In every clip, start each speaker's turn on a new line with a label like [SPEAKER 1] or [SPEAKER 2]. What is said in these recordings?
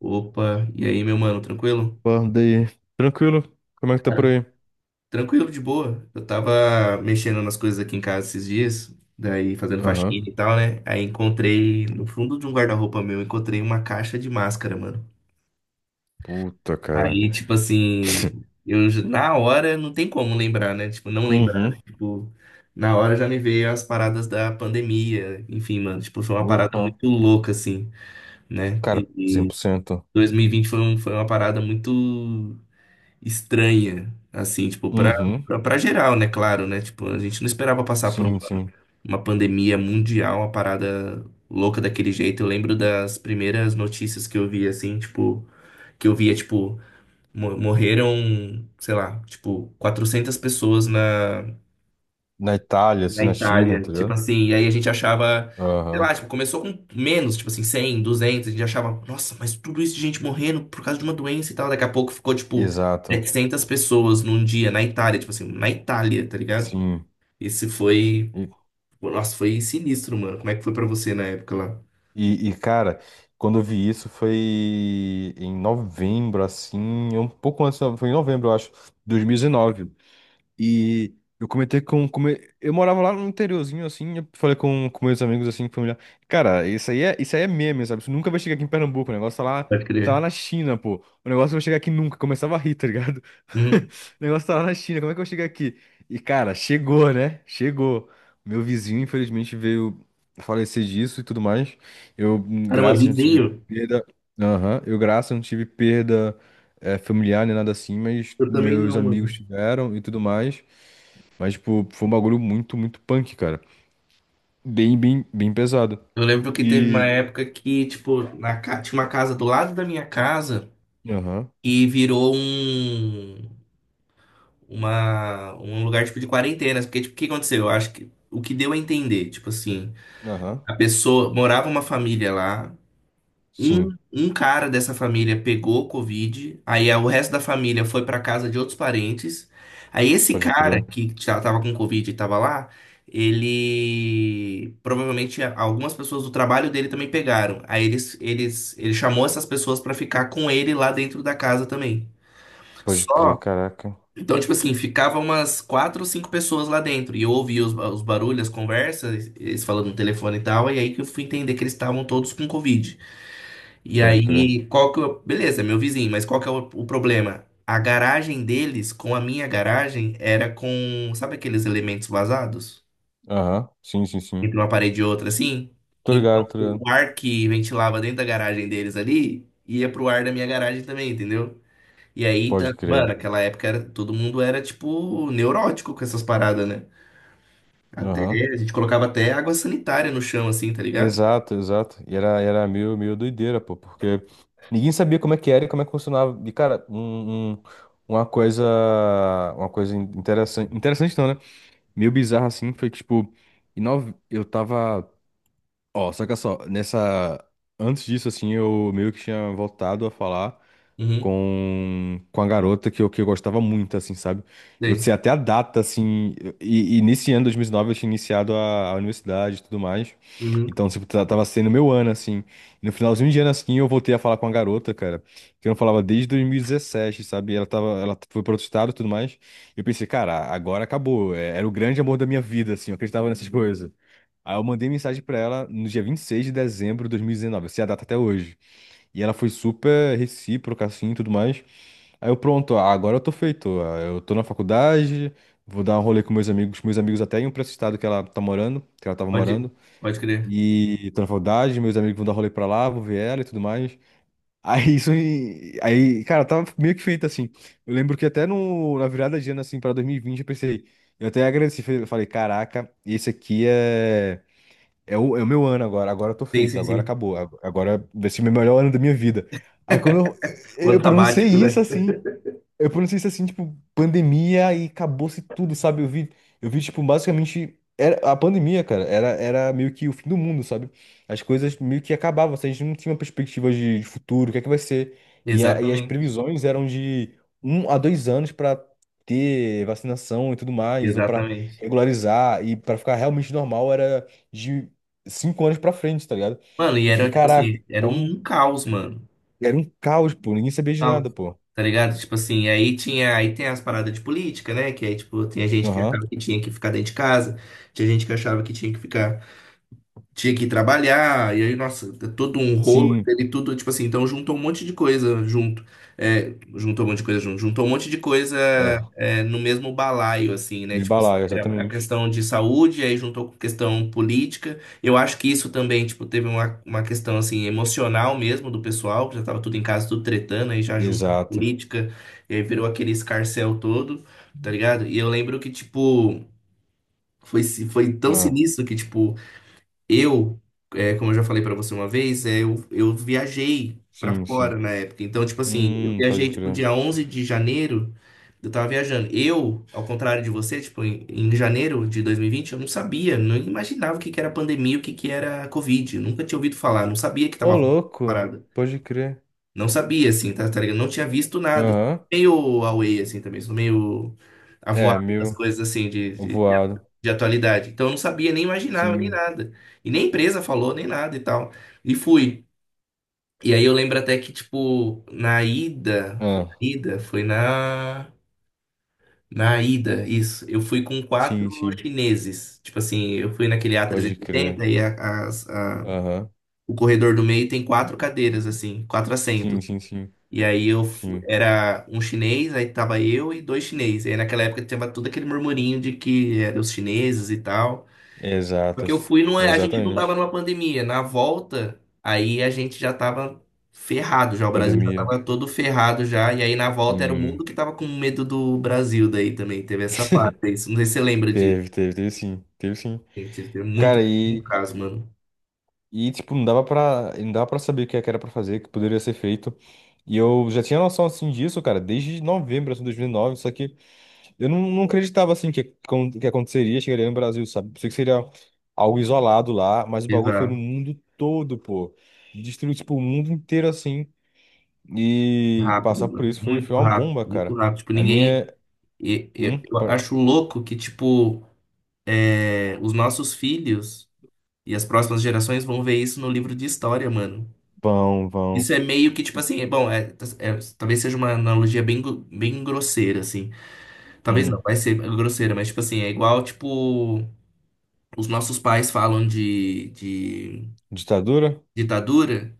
[SPEAKER 1] Opa, e aí, meu mano, tranquilo?
[SPEAKER 2] Pô, daí. Tranquilo? Como é que tá por
[SPEAKER 1] Cara,
[SPEAKER 2] aí?
[SPEAKER 1] tranquilo, de boa. Eu tava mexendo nas coisas aqui em casa esses dias, daí fazendo
[SPEAKER 2] Aham.
[SPEAKER 1] faxina e tal, né? Aí encontrei, no fundo de um guarda-roupa meu, encontrei uma caixa de máscara, mano.
[SPEAKER 2] Puta, cara.
[SPEAKER 1] Aí, tipo assim, na hora não tem como lembrar, né? Tipo, não lembrar,
[SPEAKER 2] Uhum.
[SPEAKER 1] né? Tipo, na hora já me veio as paradas da pandemia, enfim, mano. Tipo, foi uma parada
[SPEAKER 2] Porra.
[SPEAKER 1] muito louca, assim, né?
[SPEAKER 2] Cara, cem
[SPEAKER 1] E
[SPEAKER 2] por cento.
[SPEAKER 1] 2020 foi, foi uma parada muito estranha, assim, tipo, pra,
[SPEAKER 2] Uhum.
[SPEAKER 1] pra, pra geral, né? Claro, né? Tipo, a gente não esperava passar por
[SPEAKER 2] Sim,
[SPEAKER 1] uma,
[SPEAKER 2] sim.
[SPEAKER 1] uma pandemia mundial, uma parada louca daquele jeito. Eu lembro das primeiras notícias que eu vi, assim, tipo, que eu via, tipo, morreram, sei lá, tipo, 400 pessoas na
[SPEAKER 2] Na Itália,
[SPEAKER 1] na
[SPEAKER 2] assim, na China,
[SPEAKER 1] Itália.
[SPEAKER 2] tá
[SPEAKER 1] Tipo
[SPEAKER 2] ligado?
[SPEAKER 1] assim, e aí a gente achava, sei
[SPEAKER 2] Aham.
[SPEAKER 1] lá, tipo, começou com menos, tipo assim, 100, 200, a gente achava, nossa, mas tudo isso de gente morrendo por causa de uma doença e tal. Daqui a pouco ficou, tipo,
[SPEAKER 2] Exato.
[SPEAKER 1] 700 pessoas num dia na Itália, tipo assim, na Itália, tá ligado?
[SPEAKER 2] Sim.
[SPEAKER 1] Esse foi,
[SPEAKER 2] E,
[SPEAKER 1] nossa, foi sinistro, mano. Como é que foi pra você na época lá?
[SPEAKER 2] e cara, quando eu vi isso foi em novembro, assim, um pouco antes, foi em novembro, eu acho, 2019. E eu comentei com eu morava lá no interiorzinho, assim, eu falei com meus amigos, assim, familiar. Cara, isso aí é meme, sabe? Isso nunca vai chegar aqui em Pernambuco, o negócio
[SPEAKER 1] Pode
[SPEAKER 2] tá lá
[SPEAKER 1] crer.
[SPEAKER 2] na China, pô. O negócio vai chegar aqui nunca, começava a rir, tá ligado?
[SPEAKER 1] Uhum.
[SPEAKER 2] O negócio tá lá na China, como é que eu chego aqui? E, cara, chegou, né? Chegou. Meu vizinho, infelizmente, veio falecer disso e tudo mais. Eu,
[SPEAKER 1] Caramba,
[SPEAKER 2] graças, não tive
[SPEAKER 1] vizinho?
[SPEAKER 2] perda. Aham. Eu, graças, não tive perda familiar nem nada assim, mas
[SPEAKER 1] Eu também
[SPEAKER 2] meus
[SPEAKER 1] não,
[SPEAKER 2] amigos
[SPEAKER 1] mano.
[SPEAKER 2] tiveram e tudo mais. Mas, tipo, foi um bagulho muito, muito punk, cara. Bem, bem, bem pesado.
[SPEAKER 1] Eu lembro que teve uma
[SPEAKER 2] E.
[SPEAKER 1] época que, tipo, na, tinha uma casa do lado da minha casa
[SPEAKER 2] Aham,
[SPEAKER 1] e virou um lugar tipo de quarentena, porque tipo, o que aconteceu? Eu acho que o que deu a entender, tipo assim,
[SPEAKER 2] aham.
[SPEAKER 1] a pessoa morava uma família lá, um,
[SPEAKER 2] Sim,
[SPEAKER 1] um cara dessa família pegou Covid, o resto da família foi pra casa de outros parentes. Aí esse
[SPEAKER 2] pode
[SPEAKER 1] cara
[SPEAKER 2] crer.
[SPEAKER 1] que já tava com Covid e tava lá, ele provavelmente algumas pessoas do trabalho dele também pegaram. Aí ele chamou essas pessoas pra ficar com ele lá dentro da casa também.
[SPEAKER 2] Pode crer,
[SPEAKER 1] Só
[SPEAKER 2] caraca.
[SPEAKER 1] então, tipo assim, ficava umas quatro ou cinco pessoas lá dentro. E eu ouvia os barulhos, as conversas, eles falando no telefone e tal. E aí que eu fui entender que eles estavam todos com Covid. E
[SPEAKER 2] Pode crer.
[SPEAKER 1] aí, qual que eu... Beleza, meu vizinho, mas qual que é o problema? A garagem deles, com a minha garagem, era com... Sabe aqueles elementos vazados?
[SPEAKER 2] Aham, sim, sim, sim.
[SPEAKER 1] Entre uma parede e outra, assim?
[SPEAKER 2] Tô ligado,
[SPEAKER 1] Então,
[SPEAKER 2] tô
[SPEAKER 1] o
[SPEAKER 2] ligado.
[SPEAKER 1] ar que ventilava dentro da garagem deles ali, ia pro ar da minha garagem também, entendeu? E aí, tá,
[SPEAKER 2] Pode
[SPEAKER 1] mano,
[SPEAKER 2] crer.
[SPEAKER 1] aquela época era, todo mundo era, tipo, neurótico com essas paradas, né? Até,
[SPEAKER 2] Aham.
[SPEAKER 1] a gente colocava até água sanitária no chão, assim, tá ligado?
[SPEAKER 2] Exato, exato. E era, era meio, meio doideira, pô, porque ninguém sabia como é que era e como é que funcionava. E, cara, uma coisa. Uma coisa interessante. Interessante não, né? Meio bizarra assim, foi que, tipo, em nove eu tava. Ó, saca só, nessa. Antes disso, assim, eu meio que tinha voltado a falar
[SPEAKER 1] Uhum,
[SPEAKER 2] com a garota que eu gostava muito, assim, sabe? Eu
[SPEAKER 1] sei.
[SPEAKER 2] sei até a data, assim, e nesse ano, 2009 eu tinha iniciado a universidade e tudo mais.
[SPEAKER 1] Uhum,
[SPEAKER 2] Então, tipo, tava sendo meu ano, assim. E no finalzinho de ano, assim, eu voltei a falar com a garota, cara, que eu não falava desde 2017, sabe? Ela tava, ela foi pro outro estado e tudo mais. E eu pensei, cara, agora acabou. Era o grande amor da minha vida, assim, eu acreditava nessas coisas. Aí eu mandei mensagem pra ela no dia 26 de dezembro de 2019, assim, a data até hoje. E ela foi super recíproca, assim, e tudo mais. Aí eu, pronto, ah, agora eu tô feito. Ah, eu tô na faculdade, vou dar um rolê com meus amigos até iam pra esse estado que ela tá morando, que ela tava
[SPEAKER 1] pode,
[SPEAKER 2] morando.
[SPEAKER 1] pode crer.
[SPEAKER 2] E tô na faculdade, meus amigos vão dar rolê pra lá, vou ver ela e tudo mais. Aí isso, aí, cara, eu tava meio que feito, assim. Eu lembro que até no, na virada de ano, assim, pra 2020, eu pensei, eu até agradeci, falei, caraca, esse aqui é. É o meu ano agora, agora eu tô
[SPEAKER 1] Sim,
[SPEAKER 2] feito,
[SPEAKER 1] sim,
[SPEAKER 2] agora
[SPEAKER 1] sim.
[SPEAKER 2] acabou, agora vai ser o melhor ano da minha vida. Aí quando eu,
[SPEAKER 1] O ano
[SPEAKER 2] eu pronunciei
[SPEAKER 1] sabático,
[SPEAKER 2] isso
[SPEAKER 1] né?
[SPEAKER 2] assim, eu pronunciei isso assim, tipo, pandemia e acabou-se tudo, sabe? Eu vi, tipo, basicamente. Era, a pandemia, cara, era, era meio que o fim do mundo, sabe? As coisas meio que acabavam, assim, a gente não tinha uma perspectiva de futuro, o que é que vai ser. E, e as
[SPEAKER 1] Exatamente,
[SPEAKER 2] previsões eram de 1 a 2 anos pra ter vacinação e tudo mais, ou pra
[SPEAKER 1] exatamente.
[SPEAKER 2] regularizar, e pra ficar realmente normal era de 5 anos pra frente, tá ligado?
[SPEAKER 1] Mano, e
[SPEAKER 2] E fiquei,
[SPEAKER 1] era, tipo
[SPEAKER 2] caraca,
[SPEAKER 1] assim, era um
[SPEAKER 2] então
[SPEAKER 1] um caos, mano.
[SPEAKER 2] era um caos, pô, ninguém sabia de
[SPEAKER 1] Caos.
[SPEAKER 2] nada, pô.
[SPEAKER 1] Tá ligado? Tipo assim, aí tinha, aí tem as paradas de política, né? Que aí, tipo, tem a gente que
[SPEAKER 2] Aham,
[SPEAKER 1] achava que tinha que ficar dentro de casa, tinha gente que achava que tinha que ir trabalhar, e aí, nossa, é todo um rolo,
[SPEAKER 2] sim.
[SPEAKER 1] ele tudo, tipo assim, então juntou um monte de coisa junto, é, juntou um monte de coisa junto, juntou um monte de coisa
[SPEAKER 2] É.
[SPEAKER 1] é, no mesmo balaio, assim, né,
[SPEAKER 2] De
[SPEAKER 1] tipo assim,
[SPEAKER 2] balaio,
[SPEAKER 1] era a
[SPEAKER 2] exatamente.
[SPEAKER 1] questão de saúde, aí juntou com questão política, eu acho que isso também, tipo, teve uma questão, assim, emocional mesmo do pessoal, que já tava tudo em casa, tudo tretando, aí já junta a
[SPEAKER 2] Exato.
[SPEAKER 1] política, e aí virou aquele escarcéu todo, tá ligado? E eu lembro que, tipo... Foi, foi tão
[SPEAKER 2] Ah,
[SPEAKER 1] sinistro que, tipo, eu, é, como eu já falei pra você uma vez, é, eu viajei pra
[SPEAKER 2] sim,
[SPEAKER 1] fora
[SPEAKER 2] sim.
[SPEAKER 1] na época. Então, tipo assim, eu viajei,
[SPEAKER 2] Pode
[SPEAKER 1] tipo,
[SPEAKER 2] crer.
[SPEAKER 1] dia 11 de janeiro, eu tava viajando. Eu, ao contrário de você, tipo, em janeiro de 2020 eu não sabia, não imaginava o que que era pandemia, o que que era Covid. Eu nunca tinha ouvido falar, não sabia que tava
[SPEAKER 2] Ô,
[SPEAKER 1] rolando essa
[SPEAKER 2] louco,
[SPEAKER 1] parada.
[SPEAKER 2] pode crer.
[SPEAKER 1] Não sabia, assim, tá, tá ligado? Não tinha visto nada.
[SPEAKER 2] Aham.
[SPEAKER 1] Meio away, assim, também. Sou meio
[SPEAKER 2] É,
[SPEAKER 1] avoado das
[SPEAKER 2] meio
[SPEAKER 1] coisas, assim,
[SPEAKER 2] voado.
[SPEAKER 1] de atualidade. Então, eu não sabia, nem imaginava, nem
[SPEAKER 2] Sim.
[SPEAKER 1] nada. E nem a empresa falou, nem nada e tal. E fui. E aí, eu lembro até que, tipo, na ida... Foi na
[SPEAKER 2] Ah,
[SPEAKER 1] ida? Foi na... Na ida, isso. Eu fui com quatro
[SPEAKER 2] sim, sim.
[SPEAKER 1] chineses. Tipo assim, eu fui naquele
[SPEAKER 2] Pode crer.
[SPEAKER 1] A380 e oitenta
[SPEAKER 2] Aham.
[SPEAKER 1] o corredor do meio tem quatro cadeiras, assim, quatro
[SPEAKER 2] Sim,
[SPEAKER 1] assentos.
[SPEAKER 2] sim, sim.
[SPEAKER 1] E aí eu
[SPEAKER 2] Sim.
[SPEAKER 1] era um chinês, aí tava eu e dois chineses. E aí naquela época tinha todo aquele murmurinho de que eram os chineses e tal. Porque eu
[SPEAKER 2] Exatas.
[SPEAKER 1] fui, não é, a gente não tava
[SPEAKER 2] Exatamente.
[SPEAKER 1] numa pandemia. Na volta, aí a gente já tava ferrado já, o Brasil já
[SPEAKER 2] Pandemia.
[SPEAKER 1] tava todo ferrado já. E aí na volta era o
[SPEAKER 2] Sim.
[SPEAKER 1] mundo que tava com medo do Brasil daí também. Teve essa parte aí. Não sei se você lembra disso,
[SPEAKER 2] Teve, teve, teve sim. Teve sim.
[SPEAKER 1] gente. Teve muito,
[SPEAKER 2] Cara,
[SPEAKER 1] muito
[SPEAKER 2] e.
[SPEAKER 1] caso, mano.
[SPEAKER 2] E, tipo, não dava pra, não dava pra saber o que é que era pra fazer, o que poderia ser feito. E eu já tinha noção, assim, disso, cara, desde novembro, assim, de 2009, só que eu não acreditava, assim, que, que aconteceria, chegaria no Brasil, sabe? Pensei que seria algo isolado lá, mas o bagulho foi no
[SPEAKER 1] Exato.
[SPEAKER 2] mundo todo, pô. Destruiu, tipo, o mundo inteiro, assim, e
[SPEAKER 1] Rápido,
[SPEAKER 2] passar por
[SPEAKER 1] mano.
[SPEAKER 2] isso foi,
[SPEAKER 1] Muito
[SPEAKER 2] foi uma
[SPEAKER 1] rápido,
[SPEAKER 2] bomba,
[SPEAKER 1] muito
[SPEAKER 2] cara.
[SPEAKER 1] rápido. Tipo,
[SPEAKER 2] A minha...
[SPEAKER 1] ninguém.
[SPEAKER 2] é.
[SPEAKER 1] Eu
[SPEAKER 2] Pa-
[SPEAKER 1] acho louco que, tipo. É, os nossos filhos e as próximas gerações vão ver isso no livro de história, mano.
[SPEAKER 2] vão, vão.
[SPEAKER 1] Isso é meio que, tipo assim, é- bom, é- tá, é- talvez seja uma analogia bem, bem grosseira, assim. Talvez não,
[SPEAKER 2] Hum,
[SPEAKER 1] vai ser grosseira, mas, tipo assim, é igual, tipo, os nossos pais falam de
[SPEAKER 2] ditadura?
[SPEAKER 1] ditadura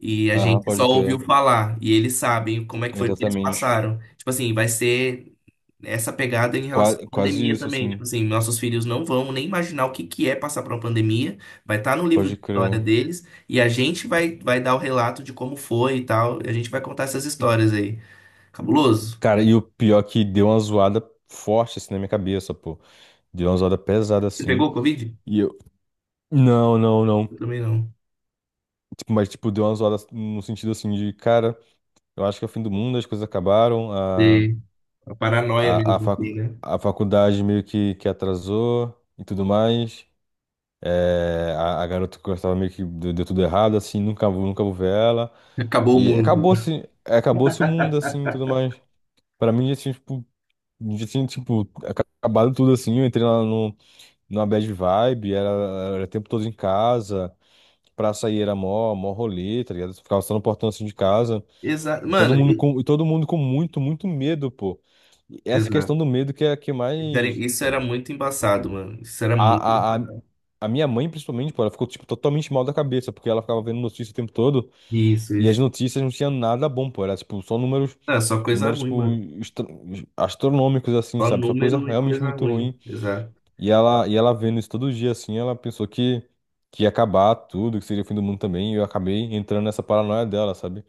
[SPEAKER 1] e a
[SPEAKER 2] Aham,
[SPEAKER 1] gente só
[SPEAKER 2] pode
[SPEAKER 1] ouviu
[SPEAKER 2] crer.
[SPEAKER 1] falar e eles sabem como é que foi que eles
[SPEAKER 2] Exatamente.
[SPEAKER 1] passaram. Tipo assim, vai ser essa pegada em relação
[SPEAKER 2] Qua-
[SPEAKER 1] à
[SPEAKER 2] quase
[SPEAKER 1] pandemia
[SPEAKER 2] isso,
[SPEAKER 1] também. Tipo
[SPEAKER 2] assim.
[SPEAKER 1] assim, nossos filhos não vão nem imaginar o que que é passar por uma pandemia, vai estar no livro
[SPEAKER 2] Pode
[SPEAKER 1] de
[SPEAKER 2] crer.
[SPEAKER 1] história deles e a gente vai dar o relato de como foi e tal. E a gente vai contar essas histórias aí. Cabuloso.
[SPEAKER 2] Cara, e o pior é que deu uma zoada forte assim na minha cabeça, pô. Deu uma zoada pesada
[SPEAKER 1] Você
[SPEAKER 2] assim.
[SPEAKER 1] pegou Covid?
[SPEAKER 2] E eu. Não, não,
[SPEAKER 1] Eu
[SPEAKER 2] não.
[SPEAKER 1] também não.
[SPEAKER 2] Tipo, mas, tipo, deu uma zoada no sentido assim de, cara, eu acho que é o fim do mundo, as coisas acabaram,
[SPEAKER 1] E
[SPEAKER 2] a,
[SPEAKER 1] a paranoia
[SPEAKER 2] a, a,
[SPEAKER 1] mesmo, assim, né?
[SPEAKER 2] a faculdade meio que atrasou e tudo mais. É, a garota que eu gostava meio que deu tudo errado, assim, nunca vou ver ela.
[SPEAKER 1] Acabou o
[SPEAKER 2] E
[SPEAKER 1] mundo.
[SPEAKER 2] acabou-se, acabou-se o mundo, assim, e tudo mais. Pra mim, assim, tipo. Eu já tinha, tipo, acabado tudo assim. Eu entrei lá no, numa bad vibe, era, era o tempo todo em casa. Pra sair era mó, mó rolê, tá ligado? Ficava só no portão assim de casa.
[SPEAKER 1] Exato. Mano,
[SPEAKER 2] E todo mundo com muito, muito medo, pô. E essa questão
[SPEAKER 1] exato.
[SPEAKER 2] do medo que é a que
[SPEAKER 1] Isso era
[SPEAKER 2] mais.
[SPEAKER 1] isso era muito embaçado, mano. Isso era muito.
[SPEAKER 2] A a minha mãe, principalmente, pô, ela ficou, tipo, totalmente mal da cabeça, porque ela ficava vendo notícia o tempo todo.
[SPEAKER 1] Isso,
[SPEAKER 2] E as
[SPEAKER 1] isso.
[SPEAKER 2] notícias não tinham nada bom, pô. Era, tipo, só números,
[SPEAKER 1] Ah, só coisa
[SPEAKER 2] números,
[SPEAKER 1] ruim,
[SPEAKER 2] tipo,
[SPEAKER 1] mano.
[SPEAKER 2] estra- astronômicos, assim,
[SPEAKER 1] Só
[SPEAKER 2] sabe? Só coisa
[SPEAKER 1] número e
[SPEAKER 2] realmente
[SPEAKER 1] coisa
[SPEAKER 2] muito
[SPEAKER 1] ruim.
[SPEAKER 2] ruim.
[SPEAKER 1] Exato.
[SPEAKER 2] E ela vendo isso todo dia, assim, ela pensou que ia acabar tudo, que seria o fim do mundo também, e eu acabei entrando nessa paranoia dela, sabe?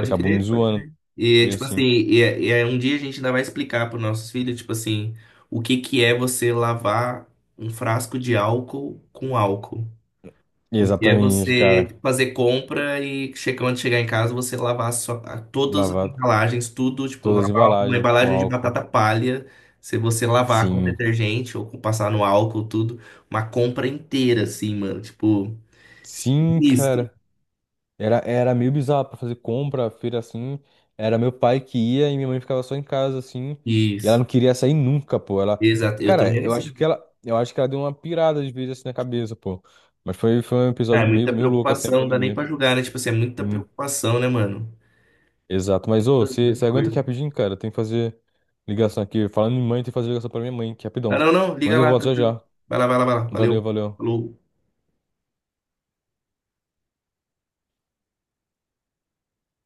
[SPEAKER 2] E acabou me
[SPEAKER 1] crer, pode
[SPEAKER 2] zoando,
[SPEAKER 1] crer. E,
[SPEAKER 2] bem
[SPEAKER 1] tipo assim,
[SPEAKER 2] assim.
[SPEAKER 1] e, é, e aí um dia a gente ainda vai explicar para os nossos filhos, tipo assim, o que que é você lavar um frasco de álcool com álcool.
[SPEAKER 2] E
[SPEAKER 1] O que é
[SPEAKER 2] exatamente,
[SPEAKER 1] você
[SPEAKER 2] cara,
[SPEAKER 1] fazer compra e quando chegar em casa você lavar só, todas as
[SPEAKER 2] lavar
[SPEAKER 1] embalagens, tudo, tipo,
[SPEAKER 2] todas as
[SPEAKER 1] lavar uma
[SPEAKER 2] embalagens com
[SPEAKER 1] embalagem de
[SPEAKER 2] álcool.
[SPEAKER 1] batata palha, se você lavar com
[SPEAKER 2] Sim,
[SPEAKER 1] detergente ou com passar no álcool, tudo, uma compra inteira, assim, mano, tipo,
[SPEAKER 2] sim,
[SPEAKER 1] isso,
[SPEAKER 2] cara. Era, era meio bizarro pra fazer compra, feira assim. Era meu pai que ia e minha mãe ficava só em casa assim. E ela
[SPEAKER 1] isso,
[SPEAKER 2] não queria sair nunca, pô. Ela,
[SPEAKER 1] exato, eu
[SPEAKER 2] cara,
[SPEAKER 1] também era
[SPEAKER 2] eu acho
[SPEAKER 1] assim.
[SPEAKER 2] que ela, eu acho que ela deu uma pirada de vez assim na cabeça, pô. Mas foi, foi um
[SPEAKER 1] Ah, é
[SPEAKER 2] episódio meio,
[SPEAKER 1] muita
[SPEAKER 2] meio louco assim, a
[SPEAKER 1] preocupação, não dá nem
[SPEAKER 2] pandemia.
[SPEAKER 1] pra julgar, né? Tipo assim, é muita
[SPEAKER 2] Sim,
[SPEAKER 1] preocupação, né, mano?
[SPEAKER 2] exato. Mas ô,
[SPEAKER 1] Muita
[SPEAKER 2] você
[SPEAKER 1] muita
[SPEAKER 2] aguenta aqui
[SPEAKER 1] coisa.
[SPEAKER 2] rapidinho, cara? Tem que fazer ligação aqui. Falando em mãe, tem que fazer ligação pra minha mãe, que é
[SPEAKER 1] Ah,
[SPEAKER 2] rapidão.
[SPEAKER 1] não, não,
[SPEAKER 2] Mas
[SPEAKER 1] liga
[SPEAKER 2] eu
[SPEAKER 1] lá,
[SPEAKER 2] volto já
[SPEAKER 1] tranquilo.
[SPEAKER 2] já.
[SPEAKER 1] Vai lá, vai lá, vai lá. Valeu.
[SPEAKER 2] Valeu, valeu.
[SPEAKER 1] Falou.